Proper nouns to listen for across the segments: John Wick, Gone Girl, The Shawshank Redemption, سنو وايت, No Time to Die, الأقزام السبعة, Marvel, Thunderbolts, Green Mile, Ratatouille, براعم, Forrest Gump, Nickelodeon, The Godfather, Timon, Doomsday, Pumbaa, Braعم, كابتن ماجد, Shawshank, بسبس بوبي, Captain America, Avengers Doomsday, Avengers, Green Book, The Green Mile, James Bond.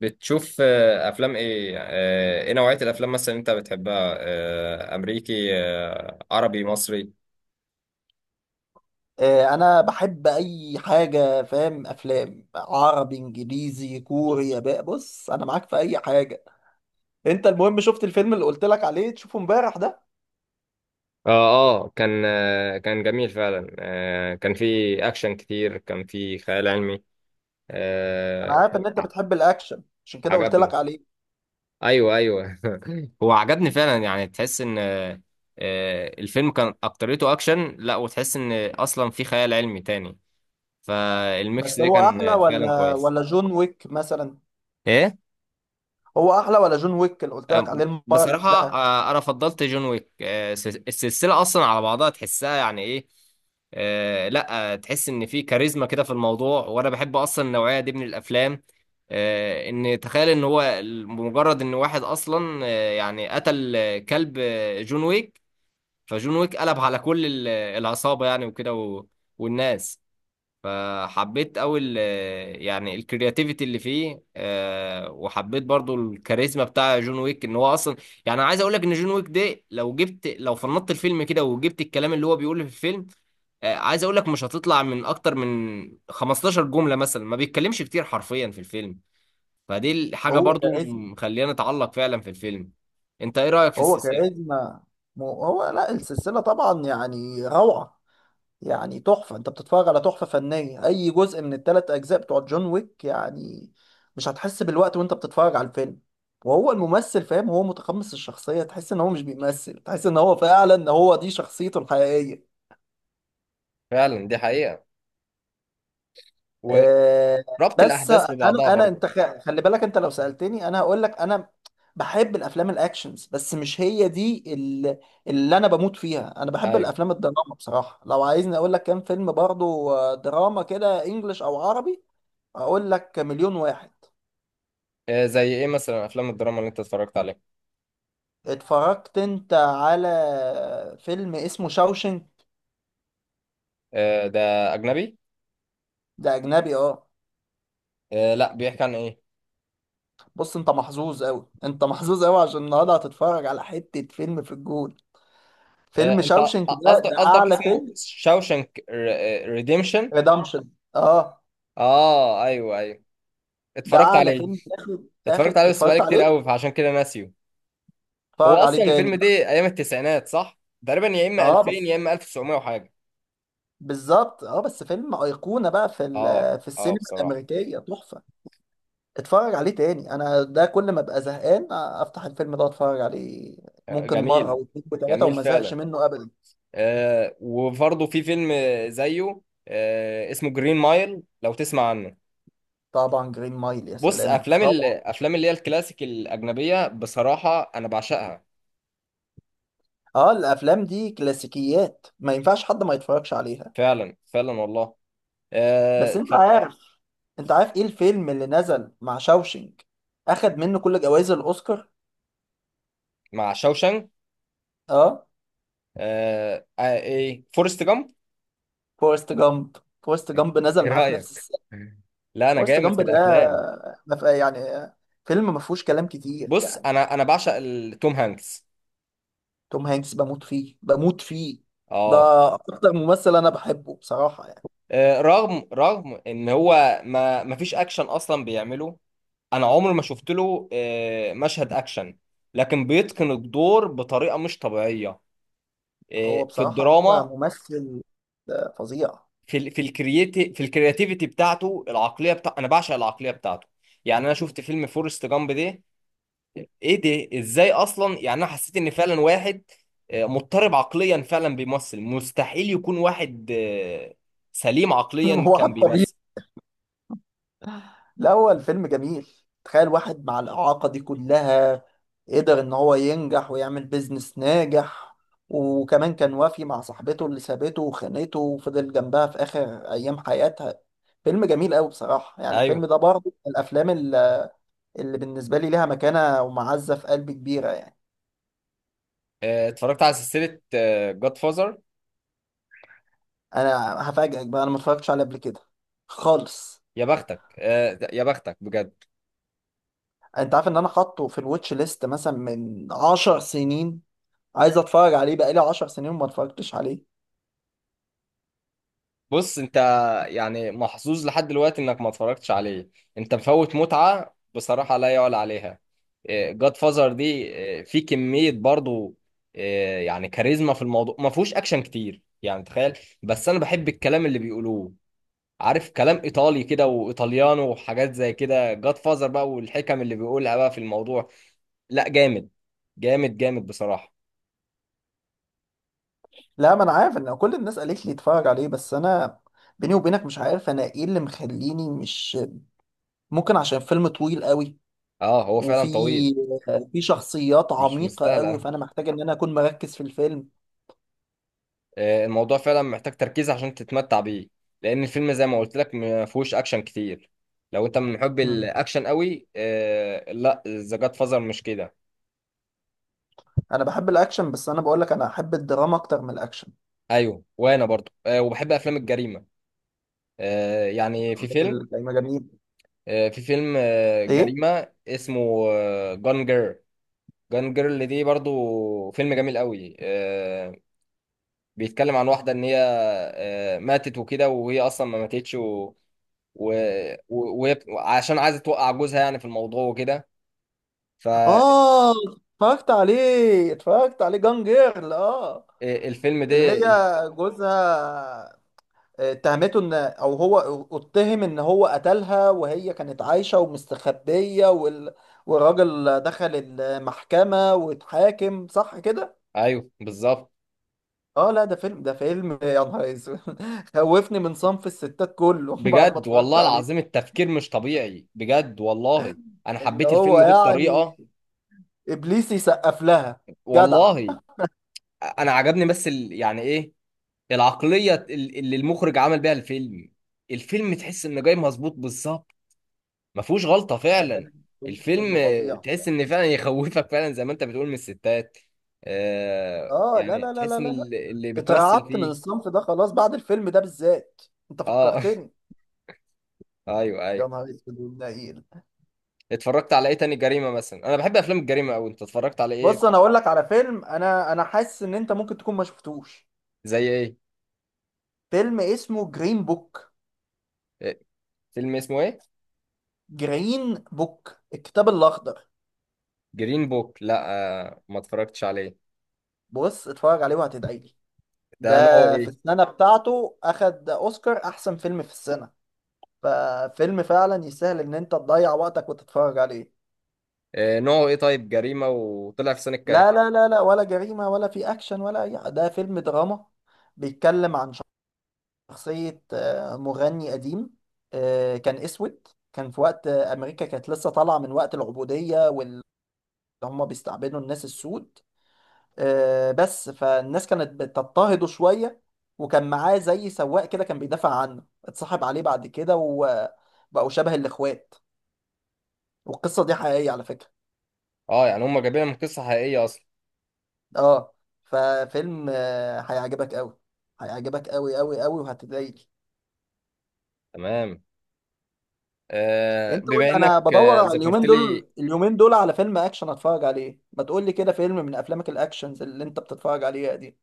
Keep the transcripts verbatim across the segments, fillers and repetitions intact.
بتشوف آه، افلام ايه، آه، ايه نوعية الافلام مثلا انت بتحبها، آه، امريكي، آه، عربي مصري؟ آه، انا بحب اي حاجه فاهم افلام عربي انجليزي كوري ياباني. بص انا معاك في اي حاجه. انت المهم شفت الفيلم اللي قلت لك عليه تشوفه امبارح ده؟ اه. اه كان آه كان جميل فعلا، آه كان في اكشن كتير، كان في خيال علمي. انا آه. عارف ان انت ع- بتحب الاكشن عشان كده قلت عجبني. لك عليه. ايوه ايوه هو عجبني فعلا، يعني تحس ان آه آه، الفيلم كان اكتريته اكشن، لا وتحس ان اصلا في خيال علمي تاني، فالميكس بس ده هو كان احلى آه، فعلا ولا كويس. ولا جون ويك مثلا؟ ايه؟ هو احلى ولا جون ويك اللي قلت أم- لك عليه المره اللي بصراحة قبلها؟ آه، أنا فضلت جون ويك، آه، الس- السلسلة أصلا على بعضها تحسها يعني إيه. آه، لا آه، تحس إن في كاريزما كده في الموضوع، وأنا بحب أصلا النوعية دي من الأفلام. آه، إن تخيل إن هو ال- مجرد إن واحد أصلا، آه، يعني قتل آه، كلب آه، جون ويك، فجون ويك قلب على كل ال- العصابة يعني، وكده و- والناس. فحبيت قوي ال- يعني الكرياتيفيتي اللي فيه، آه، وحبيت برضو الكاريزما بتاع جون ويك، ان هو اصلا يعني. أنا عايز اقول لك ان جون ويك ده لو جبت، لو فنطت الفيلم كده وجبت الكلام اللي هو بيقوله في الفيلم، آه، عايز اقول لك مش هتطلع من اكتر من خمستاشر جملة مثلا، ما بيتكلمش كتير حرفيا في الفيلم، فدي الحاجة هو برضو كاريزما. مخلينا نتعلق فعلا في الفيلم. انت ايه رأيك في هو السلسلة؟ كاريزما. مو- هو لا السلسله طبعا يعني روعه. يعني تحفة، انت بتتفرج على تحفة فنية اي جزء من التلات اجزاء بتوع جون ويك يعني. مش هتحس بالوقت وانت بتتفرج على الفيلم. وهو الممثل فاهم، هو متقمص الشخصية، تحس ان هو مش بيمثل، تحس ان هو فعلا هو دي شخصيته الحقيقية. فعلا دي حقيقة، آه. وربط بس الأحداث انا ببعضها انا برضو. انت خ- خلي بالك، انت لو سألتني انا هقول لك. انا بحب الافلام الاكشنز، بس مش هي دي ال- اللي انا بموت فيها. انا بحب أيوه. الافلام الدراما بصراحة. لو عايزني اقول لك كام فيلم برضو آه، دراما كده انجلش او عربي، اقول لك مليون واحد. آه، زي إيه مثلا أفلام الدراما اللي أنت اتفرجت عليها؟ اتفرجت انت على فيلم اسمه شاوشنك؟ آه، ده أجنبي. ده اجنبي اه. آه، لا، بيحكي عن إيه؟ بص انت محظوظ قوي، انت محظوظ قوي، عشان النهارده هتتفرج على حتة فيلم في الجول. آه، فيلم أنت شاوشنك ده قصدك، ده قصدك اعلى اسمه فيلم. شاوشنك ريديمشن. ريدمشن اه. آه أيوه أيوه، ده اتفرجت اعلى عليه، فيلم اخد اخد اتفرجت عليه بس اتفرجت بقالي كتير عليه. قوي فعشان كده ناسيه. هو اتفرج عليه أصلا تاني. الفيلم ده أيام التسعينات صح؟ تقريبا يا إما اه ألفين بس، يا إما تسعتاشر وحاجة. بالظبط اه. بس فيلم ايقونة بقى في آه. ال- في آه السينما بصراحة. الامريكية، تحفة. اتفرج عليه تاني. انا ده كل ما ابقى زهقان افتح الفيلم ده واتفرج عليه. آه، ممكن مره جميل. واثنين وثلاثه جميل وما زهقش فعلا. منه ابدا. آه، وبرضه في فيلم زيه، آه، اسمه جرين مايل، لو تسمع عنه. طبعا جرين مايل يا بص، سلام افلام، روعة. الافلام اللي هي الكلاسيك الاجنبيه بصراحه انا بعشقها. اه الافلام دي كلاسيكيات، ما ينفعش حد ما يتفرجش عليها. فعلا فعلا والله. آه، بس انت اتفرج- عارف، انت عارف ايه الفيلم اللي نزل مع شاوشينج اخد منه كل جوائز الاوسكار؟ مع شوشنج. اه، آه، آه، ايه، فورست جامب. فورست جامب. فورست جامب ايه نزل معاه في نفس رايك؟ السنه. لا انا فورست جامد جامب في ده الافلام. ما ف- يعني فيلم ما فيهوش كلام كتير بص يعني. انا، انا بعشق ال- توم هانكس. توم هانكس بموت فيه، بموت فيه. ده اه. اكتر ممثل انا بحبه بصراحة يعني. آه، رغم رغم ان هو ما ما فيش اكشن اصلا بيعمله، انا عمري ما شفت له آه، مشهد اكشن، لكن بيتقن الدور بطريقه مش طبيعيه هو آه، في بصراحة هو الدراما. ممثل آه، فظيع. في ال في الكرياتي في الكرياتيفيتي بتاعته، العقليه بتاع، انا بعشق العقليه بتاعته. يعني انا شفت فيلم فورست جامب ده، ايه ده؟ ازاي اصلا؟ يعني انا حسيت ان فعلا واحد آه، مضطرب عقليا فعلا بيمثل، مستحيل يكون واحد آه، سليم عقليا هو كان حتى بيمثل. الأول فيلم جميل. تخيل واحد مع الإعاقة دي كلها قدر إن هو ينجح ويعمل بيزنس ناجح، وكمان كان وافي مع صاحبته اللي سابته وخانته وفضل جنبها في آخر أيام حياتها. فيلم جميل أوي بصراحة. يعني الفيلم ايوه. ده برضه من الأفلام اللي اللي بالنسبة لي ليها مكانة ومعزة في قلبي كبيرة يعني. آه، اتفرجت على سلسله جاد فازر؟ أنا هفاجئك بقى، أنا ما اتفرجتش عليه قبل كده خالص. يا بختك، آه، يا بختك بجد. أنت عارف إن أنا حاطه في الواتش ليست مثلا من عشر سنين؟ عايز أتفرج عليه بقالي عشر سنين وما اتفرجتش عليه. بص انت يعني محظوظ لحد دلوقتي انك ما اتفرجتش عليه، انت مفوت متعة بصراحة لا يعلى عليها. جاد فازر دي، اه، في كمية برضو، اه، يعني كاريزما في الموضوع، ما فيهوش اكشن كتير يعني. تخيل، بس انا بحب الكلام اللي بيقولوه، عارف، كلام ايطالي كده وايطاليانو وحاجات زي كده. جاد فازر بقى والحكم اللي بيقولها بقى في الموضوع، لا جامد، جامد جامد بصراحة. لا ما انا عارف ان كل الناس قالت لي اتفرج عليه، بس انا بيني وبينك مش عارف انا ايه اللي مخليني مش ممكن. عشان فيلم طويل قوي، اه هو فعلا وفي طويل. في شخصيات مش عميقة مستاهل قوي، آه. فانا محتاج ان انا اكون مركز في الفيلم. آه، الموضوع فعلا محتاج تركيز عشان تتمتع بيه، لان الفيلم زي ما قلت لك ما فيهوش اكشن كتير. لو انت من محب مم. الاكشن قوي، آه، لا، ذا جاد فازر مش كده. انا بحب الاكشن، بس انا بقول لك انا احب الدراما اكتر من الاكشن. ايوه، وانا برضو آه، وبحب افلام الجريمه. آه، يعني في ده فيلم بال- جميل. آه، في فيلم آه، ايه جريمه اسمه جان جيرل. جان جيرل دي برضو فيلم جميل قوي. آه، بيتكلم عن واحده ان هي آه، ماتت وكده، وهي اصلا ما ماتتش، وعشان و... و... وهي بت- عشان عايزه توقع جوزها يعني في الموضوع وكده. اه. اتفرجت عليه، اتفرجت عليه جان جيرل اه. فالفيلم ده، اللي هي جوزها اتهمته ان او هو اتهم ان هو قتلها، وهي كانت عايشة ومستخبية، وال... والراجل دخل المحكمة واتحاكم، صح كده؟ ايوه بالظبط. اه لا، ده فيلم، ده فيلم يا نهار اسود. خوفني من صنف الستات كله بعد ما بجد اتفرجت والله عليه. العظيم التفكير مش طبيعي بجد والله. انا اللي حبيت هو الفيلم ده يعني بطريقه ابليس يسقف لها، جدع. والله. انا عجبني بس ال... يعني ايه، العقليه ال- اللي المخرج عمل بيها الفيلم، الفيلم تحس انه جاي مظبوط بالظبط، ما فيهوش غلطة لا، فعلا. فيلم الفيلم فيلم آه، فظيع تحس بصراحة. ان فعلا يخوفك فعلا زي ما انت بتقول من الستات. آه اه لا يعني لا لا تحس لا ان لا لا. ال- اللي بتمثل اترعبت من فيه. الصنف ده خلاص بعد الفيلم ده بالذات. انت اه. فكرتني. ايوه يا ايوه. نهار اسود والنيل. اتفرجت على ايه تاني جريمة مثلا؟ انا بحب افلام الجريمة اوي، انت اتفرجت على ايه؟ بص انا اقول لك على فيلم، انا انا حاسس ان انت ممكن تكون ما شفتوش زي ايه؟ فيلم اسمه جرين بوك. آه، فيلم اسمه ايه؟ جرين بوك الكتاب الاخضر. جرين بوك؟ لا آه، ما اتفرجتش عليه. بص اتفرج عليه وهتدعي لي. ده نوعه ده في ايه؟ السنه بتاعته اخد اوسكار احسن فيلم في السنه. ففيلم فعلا يستاهل ان انت تضيع وقتك وتتفرج عليه. آه نوعه ايه طيب، جريمة؟ وطلع في سنة كام؟ لا لا لا لا ولا جريمه ولا في اكشن ولا اي، ده فيلم دراما. بيتكلم عن شخصية آه، مغني قديم آه، كان أسود، كان في وقت آه، أمريكا كانت لسه طالعة من وقت العبودية واللي هم بيستعبدوا الناس السود آه، بس فالناس كانت بتضطهده شوية. وكان معاه زي سواق كده كان بيدافع عنه، اتصاحب عليه بعد كده وبقوا شبه الإخوات. والقصة دي حقيقية على فكرة. اه، يعني هم جايبينها من قصة حقيقية اصلا. اه ففيلم آه، هيعجبك أوي، هيعجبك أوي أوي أوي وهتتضايق. تمام. آه انت قول بما لي، انك انا بدور آه، على ذكرت اليومين لي، دول، اليومين دول على فيلم اكشن اتفرج عليه، ما تقول لي كده فيلم من افلامك الاكشنز اللي انت بتتفرج عليها دي.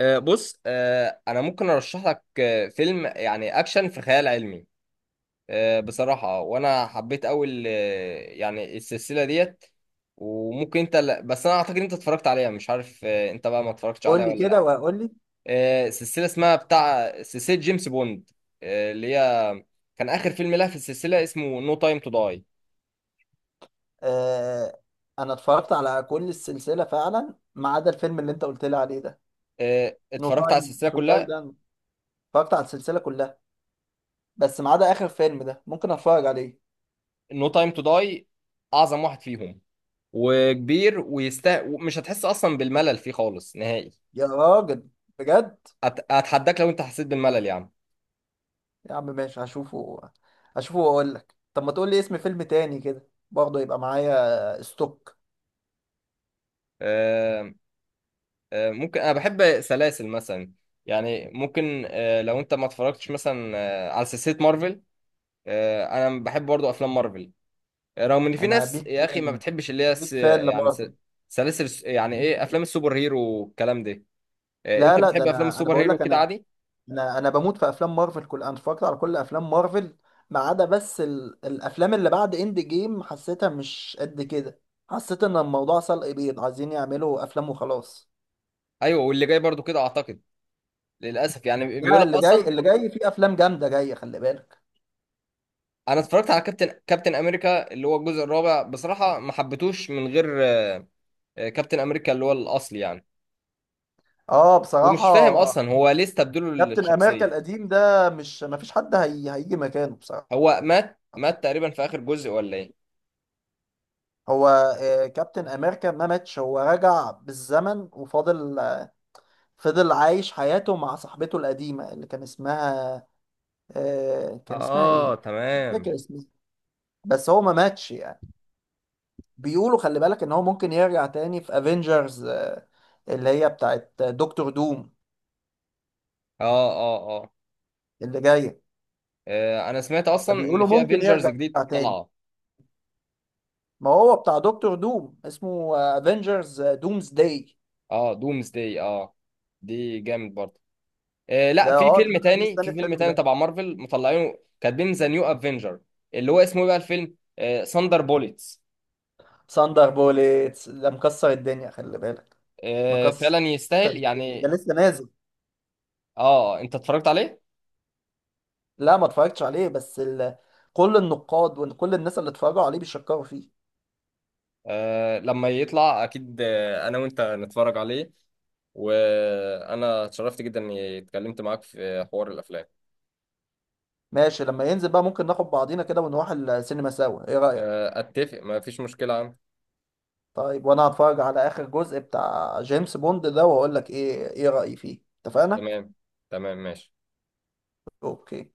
آه، بص، آه، انا ممكن ارشح لك آه، فيلم يعني اكشن في خيال علمي آه، بصراحه، وانا حبيت اول آه، يعني السلسله ديت. وممكن انت، لا بس انا اعتقد انت اتفرجت عليها، مش عارف آه، انت بقى ما اتفرجتش قول عليها لي ولا لا. كده وهقول لي. آه، سلسله اسمها بتاع سلسله جيمس بوند، آه، اللي هي كان اخر فيلم لها في السلسله اسمه نو تايم تو داي. آه انا اتفرجت على كل السلسله فعلا ما عدا الفيلم اللي انت قلت لي عليه ده. نو اتفرجت على تايم السلسله تو داي كلها؟ ده، أنا اتفرجت على السلسله كلها بس ما عدا اخر فيلم ده. ممكن اتفرج عليه. نو تايم تو داي اعظم واحد فيهم، وكبير ويستاهل، مش هتحس اصلا بالملل فيه خالص نهائي. يا راجل بجد. أت- اتحداك لو انت حسيت بالملل يا عم. يا عم ماشي، هشوفه، هشوفه واقول لك. طب ما تقول لي اسم فيلم تاني كده برضه يبقى معايا ستوك. آه، آه، ممكن، انا بحب سلاسل مثلا، يعني ممكن آه، لو انت ما اتفرجتش مثلا آه، على سلسله مارفل. آه، انا بحب برضو افلام مارفل آه، رغم ان في انا ناس بيك يا اخي ما فان، بتحبش اللي هي س- بيك فان يعني س- لمارفل. سلاسل الس- يعني ايه، افلام السوبر هيرو والكلام ده. آه، لا انت لا، ده بتحب افلام انا انا السوبر بقول هيرو لك كده انا عادي. انا انا بموت في افلام مارفل. كل انا اتفرجت على كل افلام مارفل ما عدا بس ال... الافلام اللي بعد اند جيم، حسيتها مش قد كده. حسيت ان الموضوع سلق بيض، عايزين يعملوا افلام وخلاص. ايوه، واللي جاي برضو كده اعتقد للاسف يعني، بيقول لا، لك اللي جاي اصلا. اللي جاي فيه افلام جامده جايه، خلي بالك. انا اتفرجت على كابتن كابتن امريكا اللي هو الجزء الرابع، بصراحه ما حبيتوش من غير آه، كابتن امريكا اللي هو الاصلي يعني. اه بصراحه. ومش فاهم اصلا هو ليه استبدلوا كابتن امريكا الشخصيه. القديم ده مش ما فيش حد هي... هيجي مكانه بصراحه. هو مات مات تقريبا في اخر جزء، ولا ايه؟ هو آه، كابتن امريكا ما ماتش، هو رجع بالزمن وفاضل فضل عايش حياته مع صاحبته القديمة اللي كان اسمها آه، كان اسمها اه ايه؟ مش تمام. فاكر اسمها. بس هو ما ماتش يعني. بيقولوا خلي بالك ان هو ممكن يرجع تاني في افنجرز آه، اللي هي بتاعت دكتور دوم اه. اه. اه. اللي جاية. آه، انا سمعت اصلا ان بيقولوا في ممكن افنجرز يرجع جديد تاني. طالعه. ما هو بتاع دكتور دوم اسمه افنجرز دومز داي. اه دومز داي، اه، دي جامد برضه. آه لا، ده في اه ده فيلم انا تاني، مستني في فيلم الفيلم تاني ده. تبع مارفل مطلعينه كاتبين ذا نيو افنجر، اللي هو اسمه إيه بقى الفيلم، آه ساندر بوليتس. ساندر بوليتس ده مكسر الدنيا خلي بالك. آه مكسر فعلا يستاهل الدنيا. ده يعني. لسه نازل. اه انت اتفرجت عليه؟ لا ما اتفرجتش عليه، بس ال... كل النقاد وكل الناس اللي اتفرجوا عليه بيشكروا فيه. آه لما يطلع اكيد آه، انا وانت نتفرج عليه. وانا اتشرفت جدا اني اتكلمت معاك في حوار الافلام. ماشي، لما ينزل بقى ممكن ناخد بعضينا كده ونروح السينما سوا، ايه رأيك؟ آه اتفق، ما فيش مشكلة عم. طيب وانا هتفرج على اخر جزء بتاع جيمس بوند ده واقول لك ايه ايه رأيي فيه، اتفقنا. تمام. تمام ماشي. اوكي.